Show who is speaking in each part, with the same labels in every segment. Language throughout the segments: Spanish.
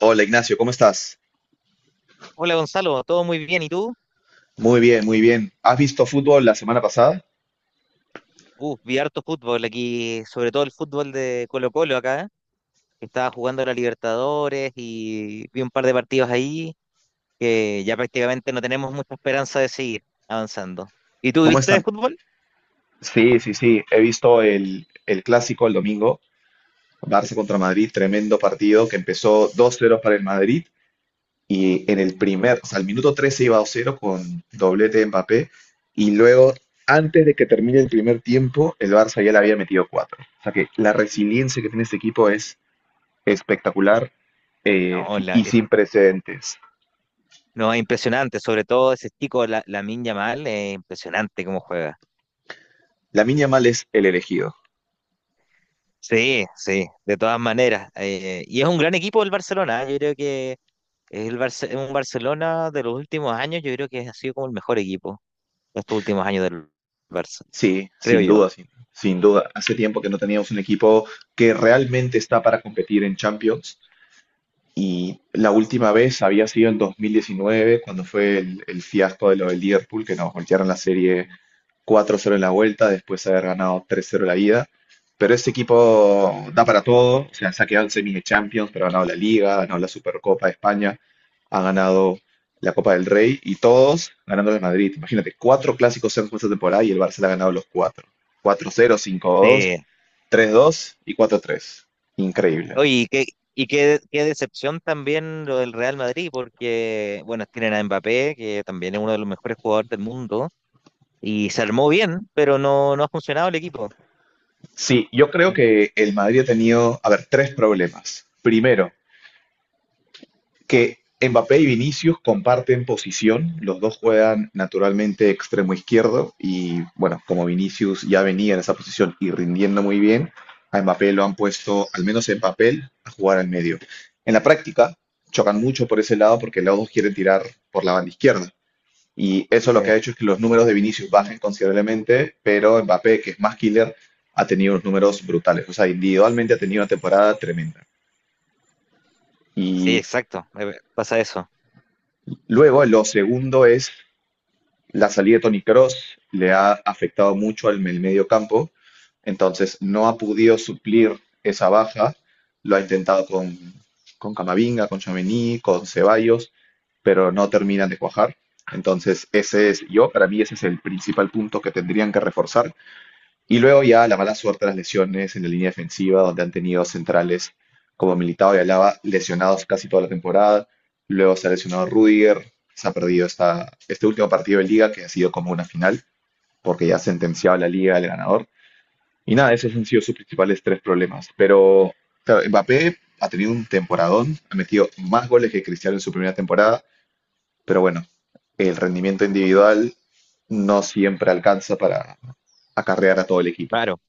Speaker 1: Hola Ignacio, ¿cómo estás?
Speaker 2: Hola Gonzalo, todo muy bien, ¿y tú?
Speaker 1: Muy bien, muy bien. ¿Has visto fútbol la semana pasada?
Speaker 2: Vi harto fútbol aquí, sobre todo el fútbol de Colo-Colo acá, que estaba jugando la Libertadores y vi un par de partidos ahí que ya prácticamente no tenemos mucha esperanza de seguir avanzando. ¿Y tú
Speaker 1: ¿Cómo
Speaker 2: viste de
Speaker 1: están?
Speaker 2: fútbol?
Speaker 1: Sí, sí, sí. He visto el clásico el domingo, Barça contra Madrid, tremendo partido que empezó dos 0 para el Madrid y en o sea, al minuto 13 iba dos 0 con doblete de Mbappé y luego, antes de que termine el primer tiempo, el Barça ya le había metido 4. O sea que la resiliencia que tiene este equipo es espectacular, eh,
Speaker 2: No,
Speaker 1: y sin precedentes.
Speaker 2: no, es impresionante, sobre todo ese chico, Lamine Yamal, es impresionante cómo juega.
Speaker 1: Lamine Yamal es el elegido.
Speaker 2: Sí, sí, de todas maneras. Y es un gran equipo el Barcelona, ¿eh? Yo creo que es un Barcelona de los últimos años, yo creo que ha sido como el mejor equipo. Estos últimos años del Barça,
Speaker 1: Sí,
Speaker 2: creo
Speaker 1: sin duda,
Speaker 2: yo.
Speaker 1: sin duda. Hace tiempo que no teníamos un equipo que realmente está para competir en Champions. Y la última vez había sido en 2019, cuando fue el fiasco de lo del Liverpool, que nos voltearon la serie 4-0 en la vuelta, después de haber ganado 3-0 la ida. Pero ese equipo da para todo, o sea, se ha quedado en semis de Champions, pero ha ganado la Liga, ha ganado la Supercopa de España, ha ganado la Copa del Rey y todos ganando el Madrid. Imagínate, cuatro clásicos en esta temporada y el Barça le ha ganado los cuatro. 4-0, 5-2,
Speaker 2: Sí,
Speaker 1: 3-2 y 4-3. Increíble.
Speaker 2: oye, qué decepción también lo del Real Madrid, porque, bueno, tienen a Mbappé, que también es uno de los mejores jugadores del mundo, y se armó bien, pero no, no ha funcionado el equipo.
Speaker 1: Sí, yo creo que el Madrid ha tenido, a ver, tres problemas. Primero, que Mbappé y Vinicius comparten posición, los dos juegan naturalmente extremo izquierdo y bueno, como Vinicius ya venía en esa posición y rindiendo muy bien, a Mbappé lo han puesto, al menos en papel, a jugar al medio. En la práctica, chocan mucho por ese lado porque los dos quieren tirar por la banda izquierda. Y eso lo que
Speaker 2: Eh,
Speaker 1: ha hecho es que los números de Vinicius bajen considerablemente, pero Mbappé, que es más killer, ha tenido unos números brutales. O sea, individualmente ha tenido una temporada tremenda.
Speaker 2: sí,
Speaker 1: Y
Speaker 2: exacto, pasa eso.
Speaker 1: luego, lo segundo es la salida de Toni Kroos, le ha afectado mucho el medio campo, entonces no ha podido suplir esa baja. Lo ha intentado con Camavinga, con Tchouaméni, con Ceballos, pero no terminan de cuajar. Entonces, ese es yo, para mí ese es el principal punto que tendrían que reforzar. Y luego ya la mala suerte de las lesiones en la línea defensiva, donde han tenido centrales como Militao y Alaba lesionados casi toda la temporada. Luego se ha lesionado Rudiger, se ha perdido este último partido de liga que ha sido como una final, porque ya ha sentenciado la liga el ganador. Y nada, esos han sido sus principales tres problemas. Pero claro, Mbappé ha tenido un temporadón, ha metido más goles que Cristiano en su primera temporada, pero bueno, el rendimiento individual no siempre alcanza para acarrear a todo el equipo.
Speaker 2: Claro,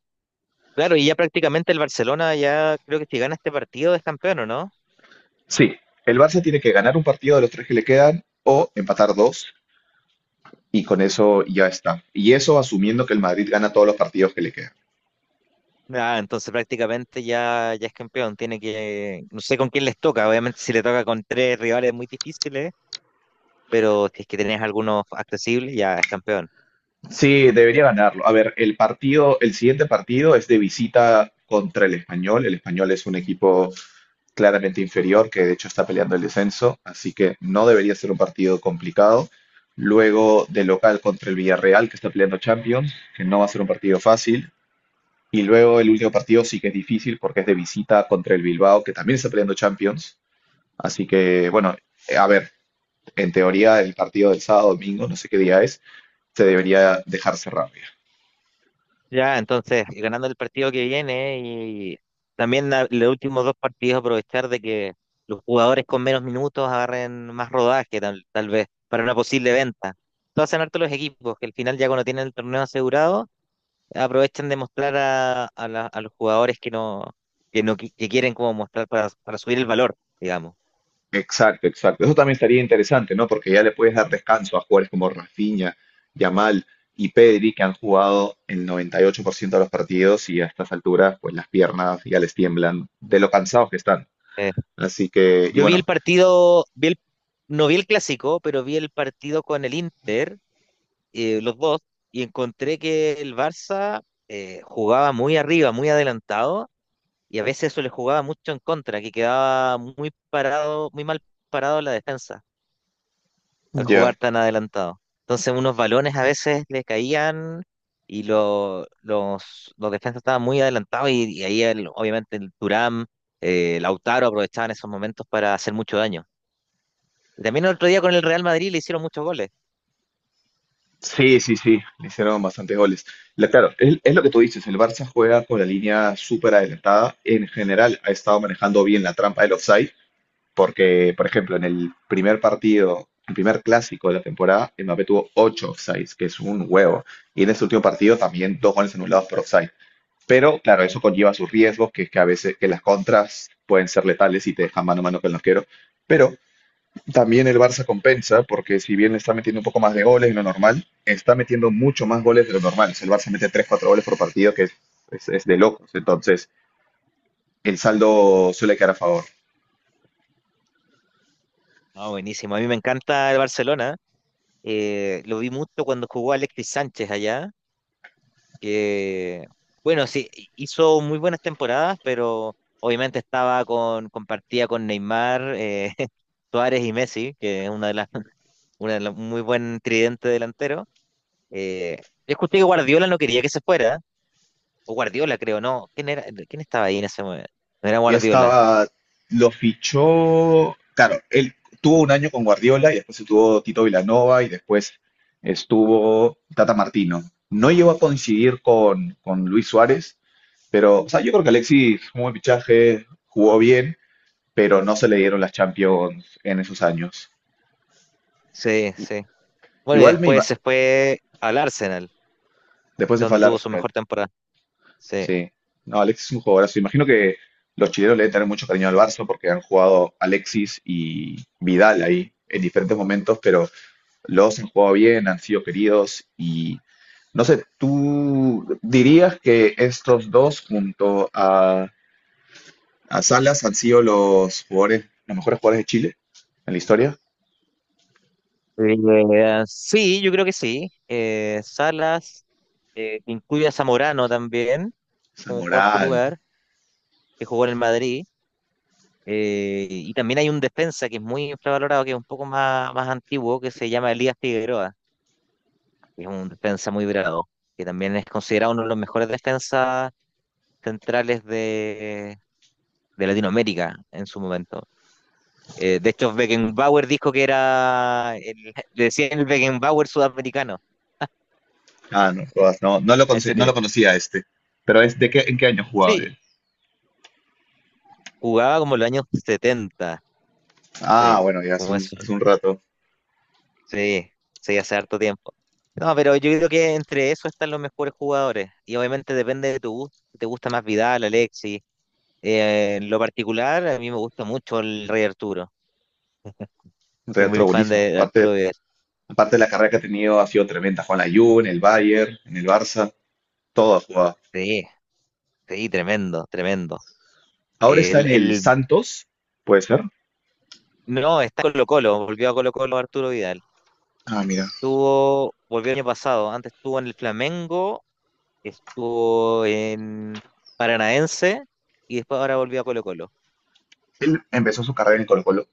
Speaker 2: claro, y ya prácticamente el Barcelona ya creo que si gana este partido es campeón, ¿o no?
Speaker 1: Sí, el Barça tiene que ganar un partido de los tres que le quedan o empatar dos y con eso ya está. Y eso asumiendo que el Madrid gana todos los partidos que le quedan.
Speaker 2: Ah, entonces prácticamente ya, ya es campeón, tiene que, no sé con quién les toca, obviamente si le toca con tres rivales muy difíciles, pero si es que tenés algunos accesibles, ya es campeón.
Speaker 1: Sí, debería ganarlo. A ver, el partido, el siguiente partido es de visita contra el Español. El Español es un equipo claramente inferior que de hecho está peleando el descenso, así que no debería ser un partido complicado. Luego de local contra el Villarreal que está peleando Champions, que no va a ser un partido fácil. Y luego el último partido sí que es difícil porque es de visita contra el Bilbao, que también está peleando Champions. Así que, bueno, a ver, en teoría el partido del sábado, domingo, no sé qué día es, se debería dejar cerrar ya.
Speaker 2: Ya, entonces, ganando el partido que viene y también los últimos dos partidos, aprovechar de que los jugadores con menos minutos agarren más rodaje, tal vez, para una posible venta. Entonces, hacen harto los equipos que al final, ya cuando tienen el torneo asegurado, aprovechan de mostrar a los jugadores que no qui- que quieren como mostrar para subir el valor, digamos.
Speaker 1: Exacto, exacto. Eso también estaría interesante, ¿no? Porque ya le puedes dar descanso a jugadores como Rafinha, Yamal y Pedri, que han jugado el 98% de los partidos y a estas alturas, pues las piernas ya les tiemblan de lo cansados que están.
Speaker 2: Eh,
Speaker 1: Así que, y
Speaker 2: yo vi el
Speaker 1: bueno,
Speaker 2: partido, no vi el clásico, pero vi el partido con el Inter, los dos, y encontré que el Barça jugaba muy arriba, muy adelantado, y a veces eso le jugaba mucho en contra, que quedaba muy parado, muy mal parado la defensa al
Speaker 1: ya,
Speaker 2: jugar tan adelantado. Entonces unos balones a veces le caían y los defensas estaban muy adelantados y ahí obviamente el Thuram, Lautaro aprovechaban esos momentos para hacer mucho daño. Y también el otro día con el Real Madrid le hicieron muchos goles.
Speaker 1: sí, sí, sí, le hicieron bastantes goles. Claro, es lo que tú dices, el Barça juega con la línea súper adelantada. En general ha estado manejando bien la trampa del offside, porque, por ejemplo, en el primer partido, el primer clásico de la temporada, Mbappé tuvo 8 offsides, que es un huevo. Y en ese último partido también dos goles anulados por offside. Pero claro, eso conlleva sus riesgos, que es que a veces que las contras pueden ser letales y te dejan mano a mano con el arquero. Pero también el Barça compensa, porque si bien le está metiendo un poco más de goles de lo normal, está metiendo mucho más goles de lo normal. O sea, el Barça mete tres cuatro goles por partido, que es de locos. Entonces, el saldo suele quedar a favor.
Speaker 2: Ah, buenísimo. A mí me encanta el Barcelona. Lo vi mucho cuando jugó Alexis Sánchez allá, que, bueno, sí, hizo muy buenas temporadas, pero obviamente compartía con Neymar, Suárez y Messi, que es un muy buen tridente delantero. Eh, yo escuché que Guardiola no quería que se fuera, o Guardiola, creo, ¿no? ¿Quién era, quién estaba ahí en ese momento? No era
Speaker 1: Y
Speaker 2: Guardiola,
Speaker 1: estaba, lo fichó, claro, él tuvo un año con Guardiola y después estuvo Tito Vilanova y después estuvo Tata Martino. No llegó a coincidir con Luis Suárez, pero o sea, yo creo que Alexis fue un buen fichaje, jugó bien pero no se le dieron las Champions en esos años.
Speaker 2: sí, sí. Bueno, y
Speaker 1: Igual me
Speaker 2: después
Speaker 1: ima-
Speaker 2: se fue al Arsenal,
Speaker 1: Después de
Speaker 2: donde
Speaker 1: falar
Speaker 2: tuvo su
Speaker 1: final,
Speaker 2: mejor temporada. Sí.
Speaker 1: sí. No, Alexis es un jugadorazo. Imagino que los chilenos le deben tener mucho cariño al Barça porque han jugado Alexis y Vidal ahí en diferentes momentos, pero los dos han jugado bien, han sido queridos y no sé, ¿tú dirías que estos dos junto a, Salas han sido los jugadores, los mejores jugadores de Chile en la historia?
Speaker 2: Sí, yo creo que sí. Salas, incluye a Zamorano también como cuarto
Speaker 1: Zamorán,
Speaker 2: lugar, que jugó en el Madrid. Y también hay un defensa que es muy infravalorado, que es un poco más antiguo, que se llama Elías Figueroa, que es un defensa muy bravo, que también es considerado uno de los mejores defensas centrales de Latinoamérica en su momento. De hecho, Beckenbauer dijo que era, le decían el Beckenbauer sudamericano,
Speaker 1: ah, no, jodas, no,
Speaker 2: a ese
Speaker 1: no lo
Speaker 2: nivel.
Speaker 1: conocía este. Pero es de qué, ¿en qué año jugaba
Speaker 2: Sí,
Speaker 1: él?
Speaker 2: jugaba como en los años 70,
Speaker 1: Ah,
Speaker 2: sí,
Speaker 1: bueno, ya
Speaker 2: como eso.
Speaker 1: hace un rato.
Speaker 2: Sí, sí, hace harto tiempo. No, pero yo creo que entre eso están los mejores jugadores. Y obviamente depende de tu gusto. Si, ¿te gusta más Vidal, Alexis? En lo particular, a mí me gusta mucho el Rey Arturo.
Speaker 1: Un
Speaker 2: Soy
Speaker 1: rato
Speaker 2: muy fan
Speaker 1: buenísimo.
Speaker 2: de
Speaker 1: Aparte,
Speaker 2: Arturo Vidal.
Speaker 1: aparte de la carrera que ha tenido, ha sido tremenda. Juan la juve en el Bayern, en el Barça, todo ha jugado.
Speaker 2: Sí, sí, tremendo, tremendo.
Speaker 1: Ahora está
Speaker 2: El,
Speaker 1: en el
Speaker 2: el,
Speaker 1: Santos, puede ser.
Speaker 2: no, está en Colo-Colo, volvió a Colo-Colo Arturo Vidal.
Speaker 1: Ah, mira.
Speaker 2: Volvió el año pasado, antes estuvo en el Flamengo, estuvo en Paranaense y después ahora volvió a Colo-Colo.
Speaker 1: Él empezó su
Speaker 2: Sí.
Speaker 1: carrera en Colo-Colo.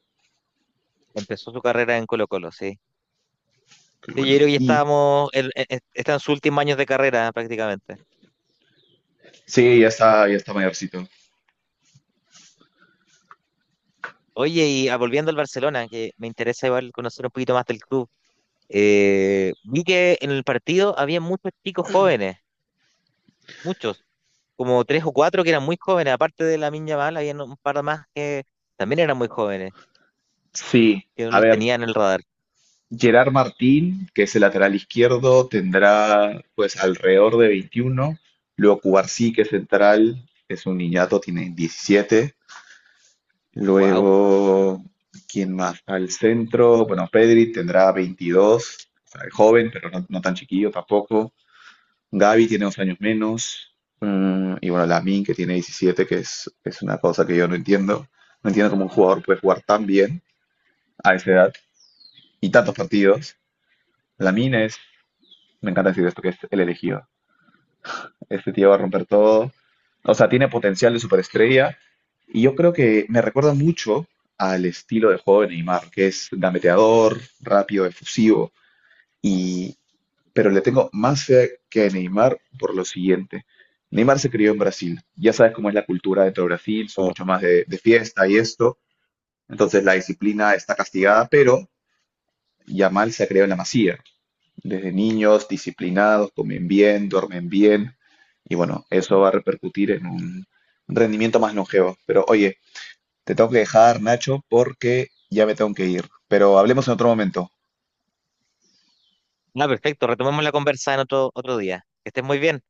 Speaker 2: Empezó su carrera en Colo-Colo, sí.
Speaker 1: Qué
Speaker 2: Sí, yo
Speaker 1: bueno.
Speaker 2: creo que ya
Speaker 1: Y
Speaker 2: él, está en sus últimos años de carrera, prácticamente.
Speaker 1: sí, ya está mayorcito.
Speaker 2: Oye, y volviendo al Barcelona, que me interesa igual conocer un poquito más del club. Vi que en el partido había muchos chicos jóvenes, muchos, como tres o cuatro que eran muy jóvenes, aparte de la Miña había un par más que también eran muy jóvenes,
Speaker 1: Sí,
Speaker 2: que no
Speaker 1: a
Speaker 2: los
Speaker 1: ver,
Speaker 2: tenía en el radar.
Speaker 1: Gerard Martín, que es el lateral izquierdo, tendrá pues alrededor de 21. Luego Cubarsí, que es central, es un niñato, tiene 17.
Speaker 2: Wow.
Speaker 1: Luego, ¿quién más? Al centro, bueno, Pedri tendrá 22, o sea, es joven, pero no, no tan chiquillo tampoco. Gavi tiene 2 años menos. Mm, y bueno, Lamine, que tiene 17, que es, una cosa que yo no entiendo. No entiendo cómo un jugador puede jugar tan bien a esa edad y tantos partidos. Lamine es Me encanta decir esto, que es el elegido. Este tío va a romper todo. O sea, tiene potencial de superestrella. Y yo creo que me recuerda mucho al estilo de juego de Neymar, que es gambeteador, rápido, efusivo. Y, pero le tengo más fe que a Neymar por lo siguiente. Neymar se crió en Brasil. Ya sabes cómo es la cultura dentro de Brasil, son mucho más de, fiesta y esto. Entonces la disciplina está castigada, pero Yamal se ha creado en la Masía. Desde niños, disciplinados, comen bien, duermen bien, y bueno, eso va a repercutir en un rendimiento más longevo. Pero oye, te tengo que dejar, Nacho, porque ya me tengo que ir. Pero hablemos en otro momento.
Speaker 2: Ah, perfecto. Retomemos la conversa en otro día. Que estés muy bien.